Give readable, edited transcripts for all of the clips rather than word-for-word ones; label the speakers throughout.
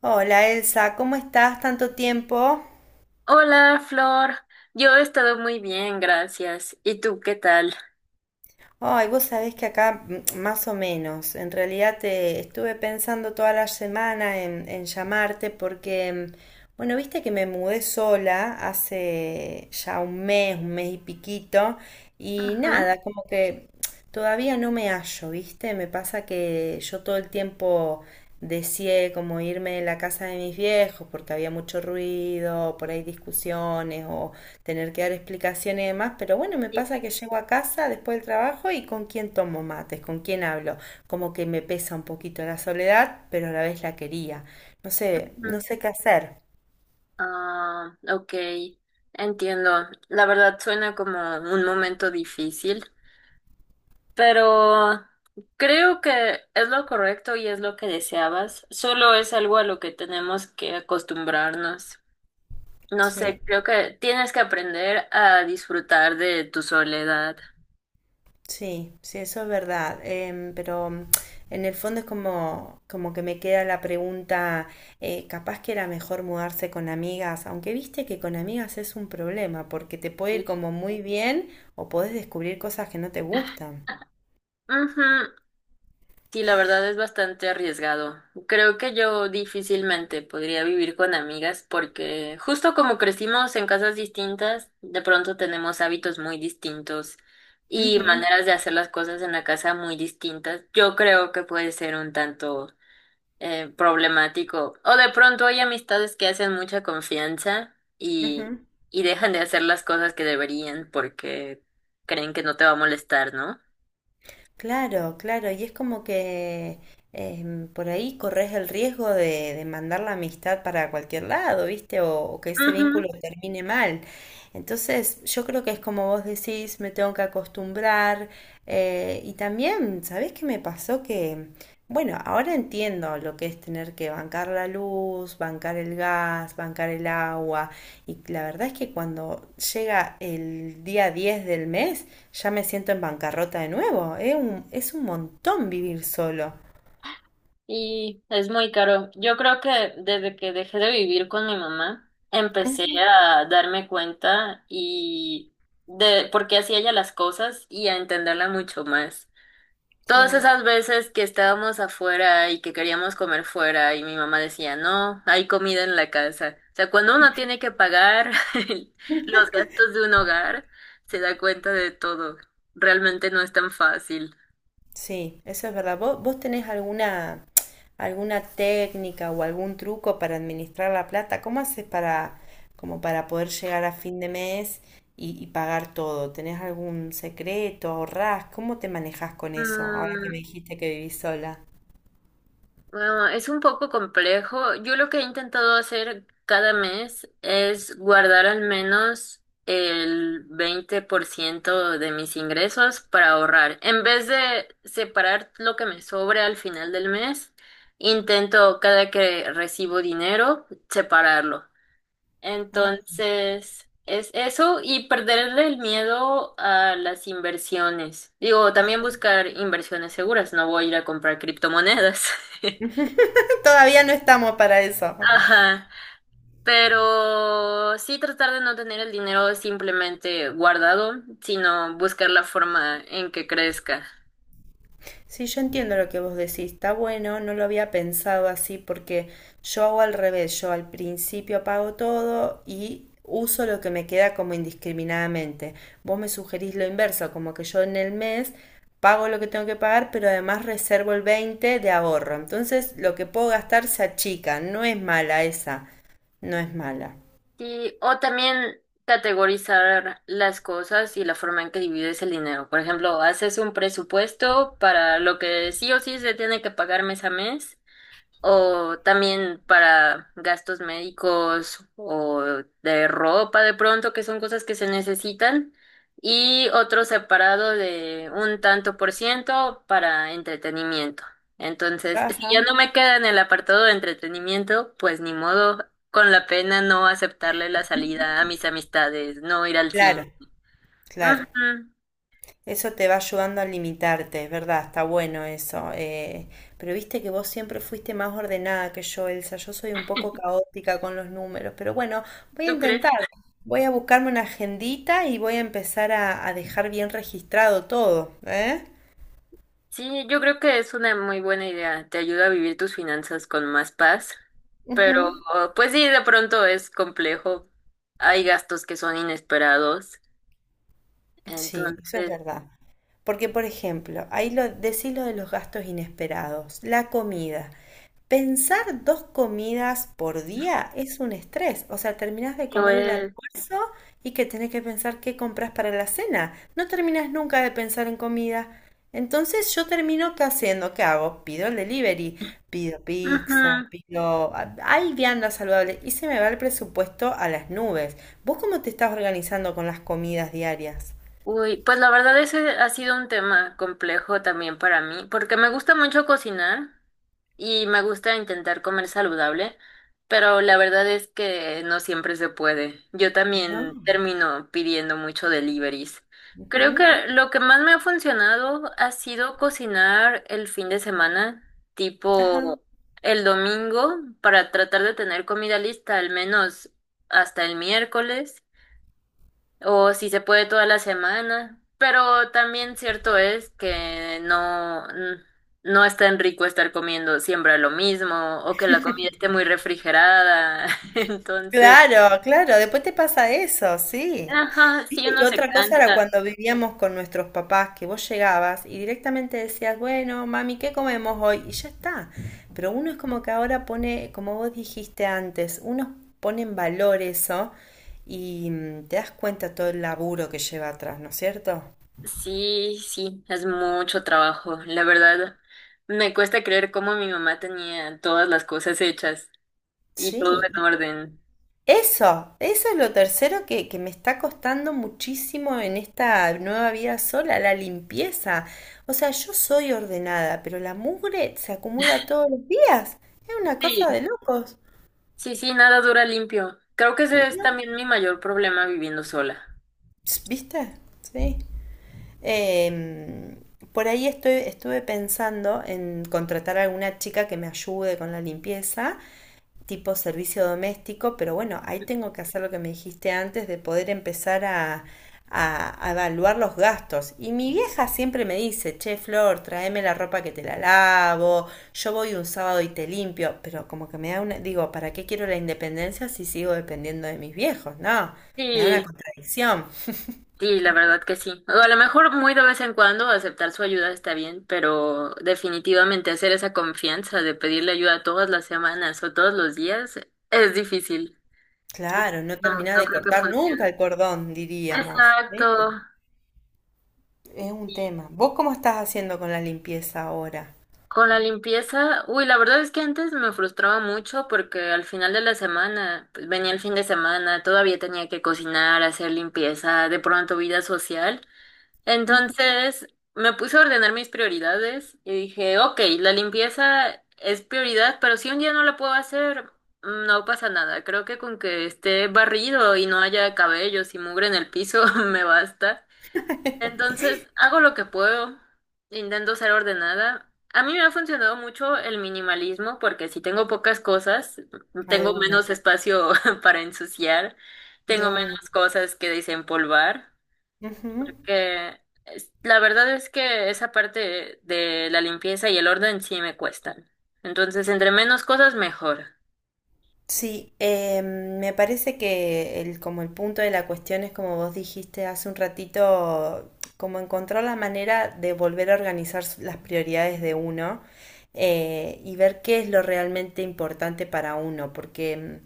Speaker 1: Hola, Elsa, ¿cómo estás? ¿Tanto tiempo?
Speaker 2: Hola, Flor. Yo he estado muy bien, gracias. ¿Y tú qué tal?
Speaker 1: Ay, vos sabés que acá más o menos. En realidad te estuve pensando toda la semana en llamarte porque, bueno, viste que me mudé sola hace ya un mes y piquito, y
Speaker 2: Ujú,
Speaker 1: nada, como que todavía no me hallo, ¿viste? Me pasa que yo todo el tiempo deseé como irme de la casa de mis viejos porque había mucho ruido, por ahí discusiones o tener que dar explicaciones y demás, pero bueno, me
Speaker 2: sí,
Speaker 1: pasa que llego a casa después del trabajo y con quién tomo mates, con quién hablo, como que me pesa un poquito la soledad, pero a la vez la quería. No sé, no
Speaker 2: ujú.
Speaker 1: sé qué hacer.
Speaker 2: Ah, ok, entiendo. La verdad suena como un momento difícil, pero creo que es lo correcto y es lo que deseabas. Solo es algo a lo que tenemos que acostumbrarnos. No
Speaker 1: Sí.
Speaker 2: sé, creo que tienes que aprender a disfrutar de tu soledad.
Speaker 1: Sí, sí, eso es verdad. Pero en el fondo es como que me queda la pregunta, capaz que era mejor mudarse con amigas, aunque viste que con amigas es un problema, porque te puede ir
Speaker 2: Sí.
Speaker 1: como muy bien o podés descubrir cosas que no te gustan.
Speaker 2: Ujú, sí, la verdad es bastante arriesgado. Creo que yo difícilmente podría vivir con amigas porque justo como crecimos en casas distintas, de pronto tenemos hábitos muy distintos y
Speaker 1: Ujú,
Speaker 2: maneras de hacer las cosas en la casa muy distintas. Yo creo que puede ser un tanto problemático. O de pronto hay amistades que hacen mucha confianza
Speaker 1: ujú.
Speaker 2: y dejan de hacer las cosas que deberían porque creen que no te va a molestar, ¿no?
Speaker 1: Claro, claro, y es como que por ahí corres el riesgo de mandar la amistad para cualquier lado, ¿viste? O que ese vínculo termine mal. Entonces, yo creo que es como vos decís, me tengo que acostumbrar. Y también, ¿sabés qué me pasó? Que, bueno, ahora entiendo lo que es tener que bancar la luz, bancar el gas, bancar el agua. Y la verdad es que cuando llega el día 10 del mes, ya me siento en bancarrota de nuevo. Es un montón vivir solo.
Speaker 2: Y es muy caro. Yo creo que desde que dejé de vivir con mi mamá, empecé
Speaker 1: Ujú.
Speaker 2: a darme cuenta y de por qué hacía ella las cosas y a entenderla mucho más. Todas
Speaker 1: Sí.
Speaker 2: esas veces que estábamos afuera y que queríamos comer fuera y mi mamá decía, no, hay comida en la casa. O sea, cuando uno tiene que pagar los gastos de un hogar, se da cuenta de todo. Realmente no es tan fácil.
Speaker 1: Sí, eso es verdad. ¿Vos tenés alguna, técnica o algún truco para administrar la plata? Como para poder llegar a fin de mes y pagar todo? ¿Tenés algún secreto? ¿Ahorrás? ¿Cómo te manejas con eso ahora que
Speaker 2: Mm,
Speaker 1: me dijiste que vivís sola?
Speaker 2: Ah, es un poco complejo. Yo lo que he intentado hacer cada mes es guardar al menos el 20% de mis ingresos para ahorrar. En vez de separar lo que me sobre al final del mes, intento cada que recibo dinero separarlo.
Speaker 1: Ah.
Speaker 2: Entonces, es eso y perderle el miedo a las inversiones. Digo, también buscar inversiones seguras. No voy a ir a comprar criptomonedas.
Speaker 1: Todavía no estamos para eso.
Speaker 2: Ajá, pero sí tratar de no tener el dinero simplemente guardado, sino buscar la forma en que crezca.
Speaker 1: Sí, yo entiendo lo que vos decís, está bueno, no lo había pensado así porque yo hago al revés, yo al principio apago todo y uso lo que me queda como indiscriminadamente. Vos me sugerís lo inverso, como que yo en el mes pago lo que tengo que pagar, pero además reservo el 20 de ahorro. Entonces, lo que puedo gastar se achica, no es mala esa, no es mala.
Speaker 2: Sí, o también categorizar las cosas y la forma en que divides el dinero. Por ejemplo, haces un presupuesto para lo que sí o sí se tiene que pagar mes a mes. O también para gastos médicos o de ropa de pronto, que son cosas que se necesitan. Y otro separado de un tanto por ciento para entretenimiento. Entonces, si ya
Speaker 1: Ajá.
Speaker 2: no me queda en el apartado de entretenimiento, pues ni modo, con la pena no aceptarle la salida a mis amistades, no ir al
Speaker 1: Claro,
Speaker 2: cine.
Speaker 1: claro.
Speaker 2: Ujú.
Speaker 1: Eso te va ayudando a limitarte, es verdad, está bueno eso. Pero viste que vos siempre fuiste más ordenada que yo, Elsa. Yo soy un poco caótica con los números, pero bueno, voy a
Speaker 2: ¿Tú crees?
Speaker 1: intentar. Voy a buscarme una agendita y voy a empezar a dejar bien registrado todo, ¿eh?
Speaker 2: Sí, yo creo que es una muy buena idea. Te ayuda a vivir tus finanzas con más paz, pero
Speaker 1: Ujú.
Speaker 2: pues sí, de pronto es complejo. Hay gastos que son inesperados,
Speaker 1: Sí, eso es
Speaker 2: entonces
Speaker 1: verdad. Porque, por ejemplo, decís lo de los gastos inesperados, la comida. Pensar dos comidas por día es un estrés. O sea, terminás de
Speaker 2: lo
Speaker 1: comer el
Speaker 2: es.
Speaker 1: almuerzo y que tenés que pensar qué compras para la cena. No terminás nunca de pensar en comida. Entonces yo termino qué haciendo, ¿qué hago? Pido el delivery, pido pizza,
Speaker 2: Ujú.
Speaker 1: hay vianda saludable y se me va el presupuesto a las nubes. ¿Vos cómo te estás organizando con las comidas diarias?
Speaker 2: Uy, pues la verdad ese ha sido un tema complejo también para mí, porque me gusta mucho cocinar. Y me gusta intentar comer saludable, pero la verdad es que no siempre se puede. Yo también
Speaker 1: No.
Speaker 2: termino pidiendo mucho deliveries. Creo que
Speaker 1: Ujú.
Speaker 2: lo que más me ha funcionado ha sido cocinar el fin de semana,
Speaker 1: Ajá.
Speaker 2: tipo el domingo, para tratar de tener comida lista al menos hasta el miércoles. O si se puede toda la semana. Pero también cierto es que no es tan rico estar comiendo siempre lo mismo o que la comida esté muy refrigerada. Entonces,
Speaker 1: Claro, claro, después te pasa eso, sí.
Speaker 2: ajá, sí
Speaker 1: Viste que
Speaker 2: uno se
Speaker 1: otra cosa era
Speaker 2: cansa.
Speaker 1: cuando vivíamos con nuestros papás, que vos llegabas y directamente decías, bueno, mami, ¿qué comemos hoy? Y ya está. Pero uno es como que ahora pone, como vos dijiste antes, uno pone en valor eso y te das cuenta todo el laburo que lleva atrás, ¿no es cierto?
Speaker 2: Sí, sí, es mucho trabajo. La verdad, me cuesta creer cómo mi mamá tenía todas las cosas hechas y todo en
Speaker 1: Sí.
Speaker 2: orden.
Speaker 1: Eso es lo tercero que me está costando muchísimo en esta nueva vida sola, la limpieza. O sea, yo soy ordenada, pero la mugre se acumula todos los días. Es una cosa
Speaker 2: Sí,
Speaker 1: de locos.
Speaker 2: sí, sí, nada dura limpio. Creo que ese es
Speaker 1: ¿No?
Speaker 2: también mi mayor problema viviendo sola.
Speaker 1: Ps, ¿viste? Sí. Em, por ahí estuve pensando en contratar a alguna chica que me ayude con la limpieza, tipo servicio doméstico, pero bueno, ahí tengo que hacer lo que me dijiste antes de poder empezar a, a evaluar los gastos. Y mi vieja siempre me dice, che, Flor, tráeme la ropa que te la lavo, yo voy un sábado y te limpio, pero como que me da una, digo, ¿para qué quiero la independencia si sigo dependiendo de mis viejos? No, me da una
Speaker 2: Sí.
Speaker 1: contradicción.
Speaker 2: Sí, la verdad que sí. O a lo mejor muy de vez en cuando aceptar su ayuda está bien, pero definitivamente hacer esa confianza de pedirle ayuda todas las semanas o todos los días es difícil.
Speaker 1: Claro, no
Speaker 2: No,
Speaker 1: terminás
Speaker 2: no
Speaker 1: de
Speaker 2: creo que
Speaker 1: cortar nunca
Speaker 2: funcione.
Speaker 1: el cordón, diríamos.
Speaker 2: Exacto.
Speaker 1: ¿Ves? Es un tema. ¿Vos cómo estás haciendo con la limpieza ahora?
Speaker 2: Con la limpieza, uy, la verdad es que antes me frustraba mucho porque al final de la semana, pues venía el fin de semana, todavía tenía que cocinar, hacer limpieza, de pronto vida social. Entonces me puse a ordenar mis prioridades y dije, ok, la limpieza es prioridad, pero si un día no la puedo hacer, no pasa nada. Creo que con que esté barrido y no haya cabellos y mugre en el piso me basta. Entonces hago lo que puedo, intento ser ordenada. A mí me ha funcionado mucho el minimalismo porque si tengo pocas cosas,
Speaker 1: Ah, de
Speaker 2: tengo
Speaker 1: una,
Speaker 2: menos espacio para ensuciar,
Speaker 1: de
Speaker 2: tengo
Speaker 1: una.
Speaker 2: menos cosas que desempolvar
Speaker 1: Ujú.
Speaker 2: que la verdad es que esa parte de la limpieza y el orden sí me cuestan. Entonces, entre menos cosas, mejor.
Speaker 1: Sí, me parece que como el punto de la cuestión es como vos dijiste hace un ratito, como encontrar la manera de volver a organizar las prioridades de uno y ver qué es lo realmente importante para uno, porque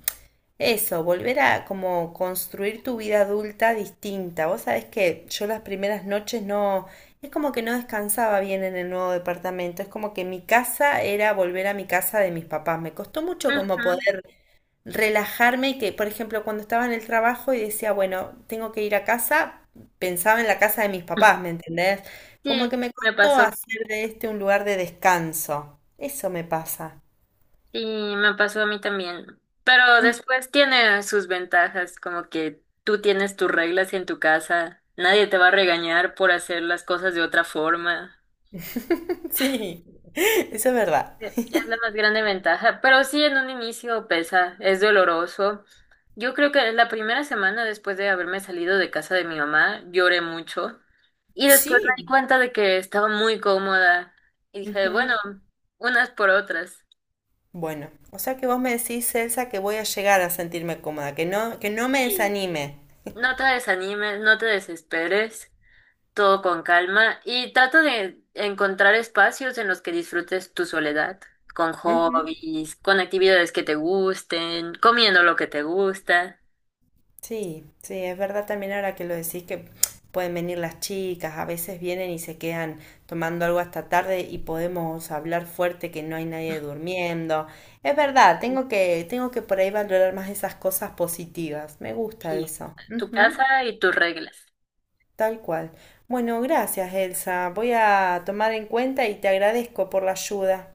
Speaker 1: eso, volver a como construir tu vida adulta distinta. Vos sabés que yo las primeras noches no, es como que no descansaba bien en el nuevo departamento, es como que mi casa era volver a mi casa de mis papás. Me costó mucho como
Speaker 2: Ujú.
Speaker 1: poder relajarme y que, por ejemplo, cuando estaba en el trabajo y decía, bueno, tengo que ir a casa, pensaba en la casa de mis papás, ¿me entendés? Como que
Speaker 2: Sí,
Speaker 1: me
Speaker 2: me
Speaker 1: costó
Speaker 2: pasó.
Speaker 1: hacer de este un lugar de descanso. Eso me pasa.
Speaker 2: Sí, me pasó a mí también. Pero después tiene sus ventajas, como que tú tienes tus reglas en tu casa, nadie te va a regañar por hacer las cosas de otra forma.
Speaker 1: Sí, eso es verdad.
Speaker 2: Es la más grande ventaja, pero sí en un inicio pesa, es doloroso. Yo creo que la primera semana después de haberme salido de casa de mi mamá, lloré mucho y después me di
Speaker 1: Sí.
Speaker 2: cuenta de que estaba muy cómoda y dije,
Speaker 1: Ujú.
Speaker 2: bueno, unas por otras.
Speaker 1: Bueno, o sea que vos me decís, Elsa, que voy a llegar a sentirme cómoda, que no me
Speaker 2: Sí.
Speaker 1: desanime.
Speaker 2: No te desanimes, no te desesperes, todo con calma y trata de encontrar espacios en los que disfrutes tu soledad, con
Speaker 1: Ujú.
Speaker 2: hobbies, con actividades que te gusten, comiendo lo que te gusta.
Speaker 1: Sí, sí, es verdad también ahora que lo decís que pueden venir las chicas, a veces vienen y se quedan tomando algo hasta tarde y podemos hablar fuerte que no hay nadie durmiendo. Es verdad, tengo que por ahí valorar más esas cosas positivas. Me gusta
Speaker 2: Aquí,
Speaker 1: eso.
Speaker 2: tu
Speaker 1: Ujú.
Speaker 2: casa y tus reglas.
Speaker 1: Tal cual. Bueno, gracias, Elsa. Voy a tomar en cuenta y te agradezco por la ayuda.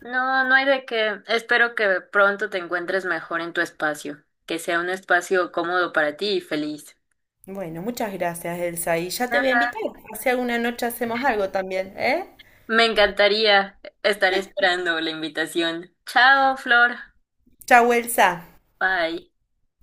Speaker 2: No, no hay de qué. Espero que pronto te encuentres mejor en tu espacio, que sea un espacio cómodo para ti y feliz.
Speaker 1: Bueno, muchas gracias, Elsa. Y ya te voy a
Speaker 2: Ah,
Speaker 1: invitar. Si alguna noche hacemos algo también, ¿eh?
Speaker 2: me encantaría. Estaré esperando la invitación. Chao, Flor.
Speaker 1: Chau, Elsa.
Speaker 2: Bye.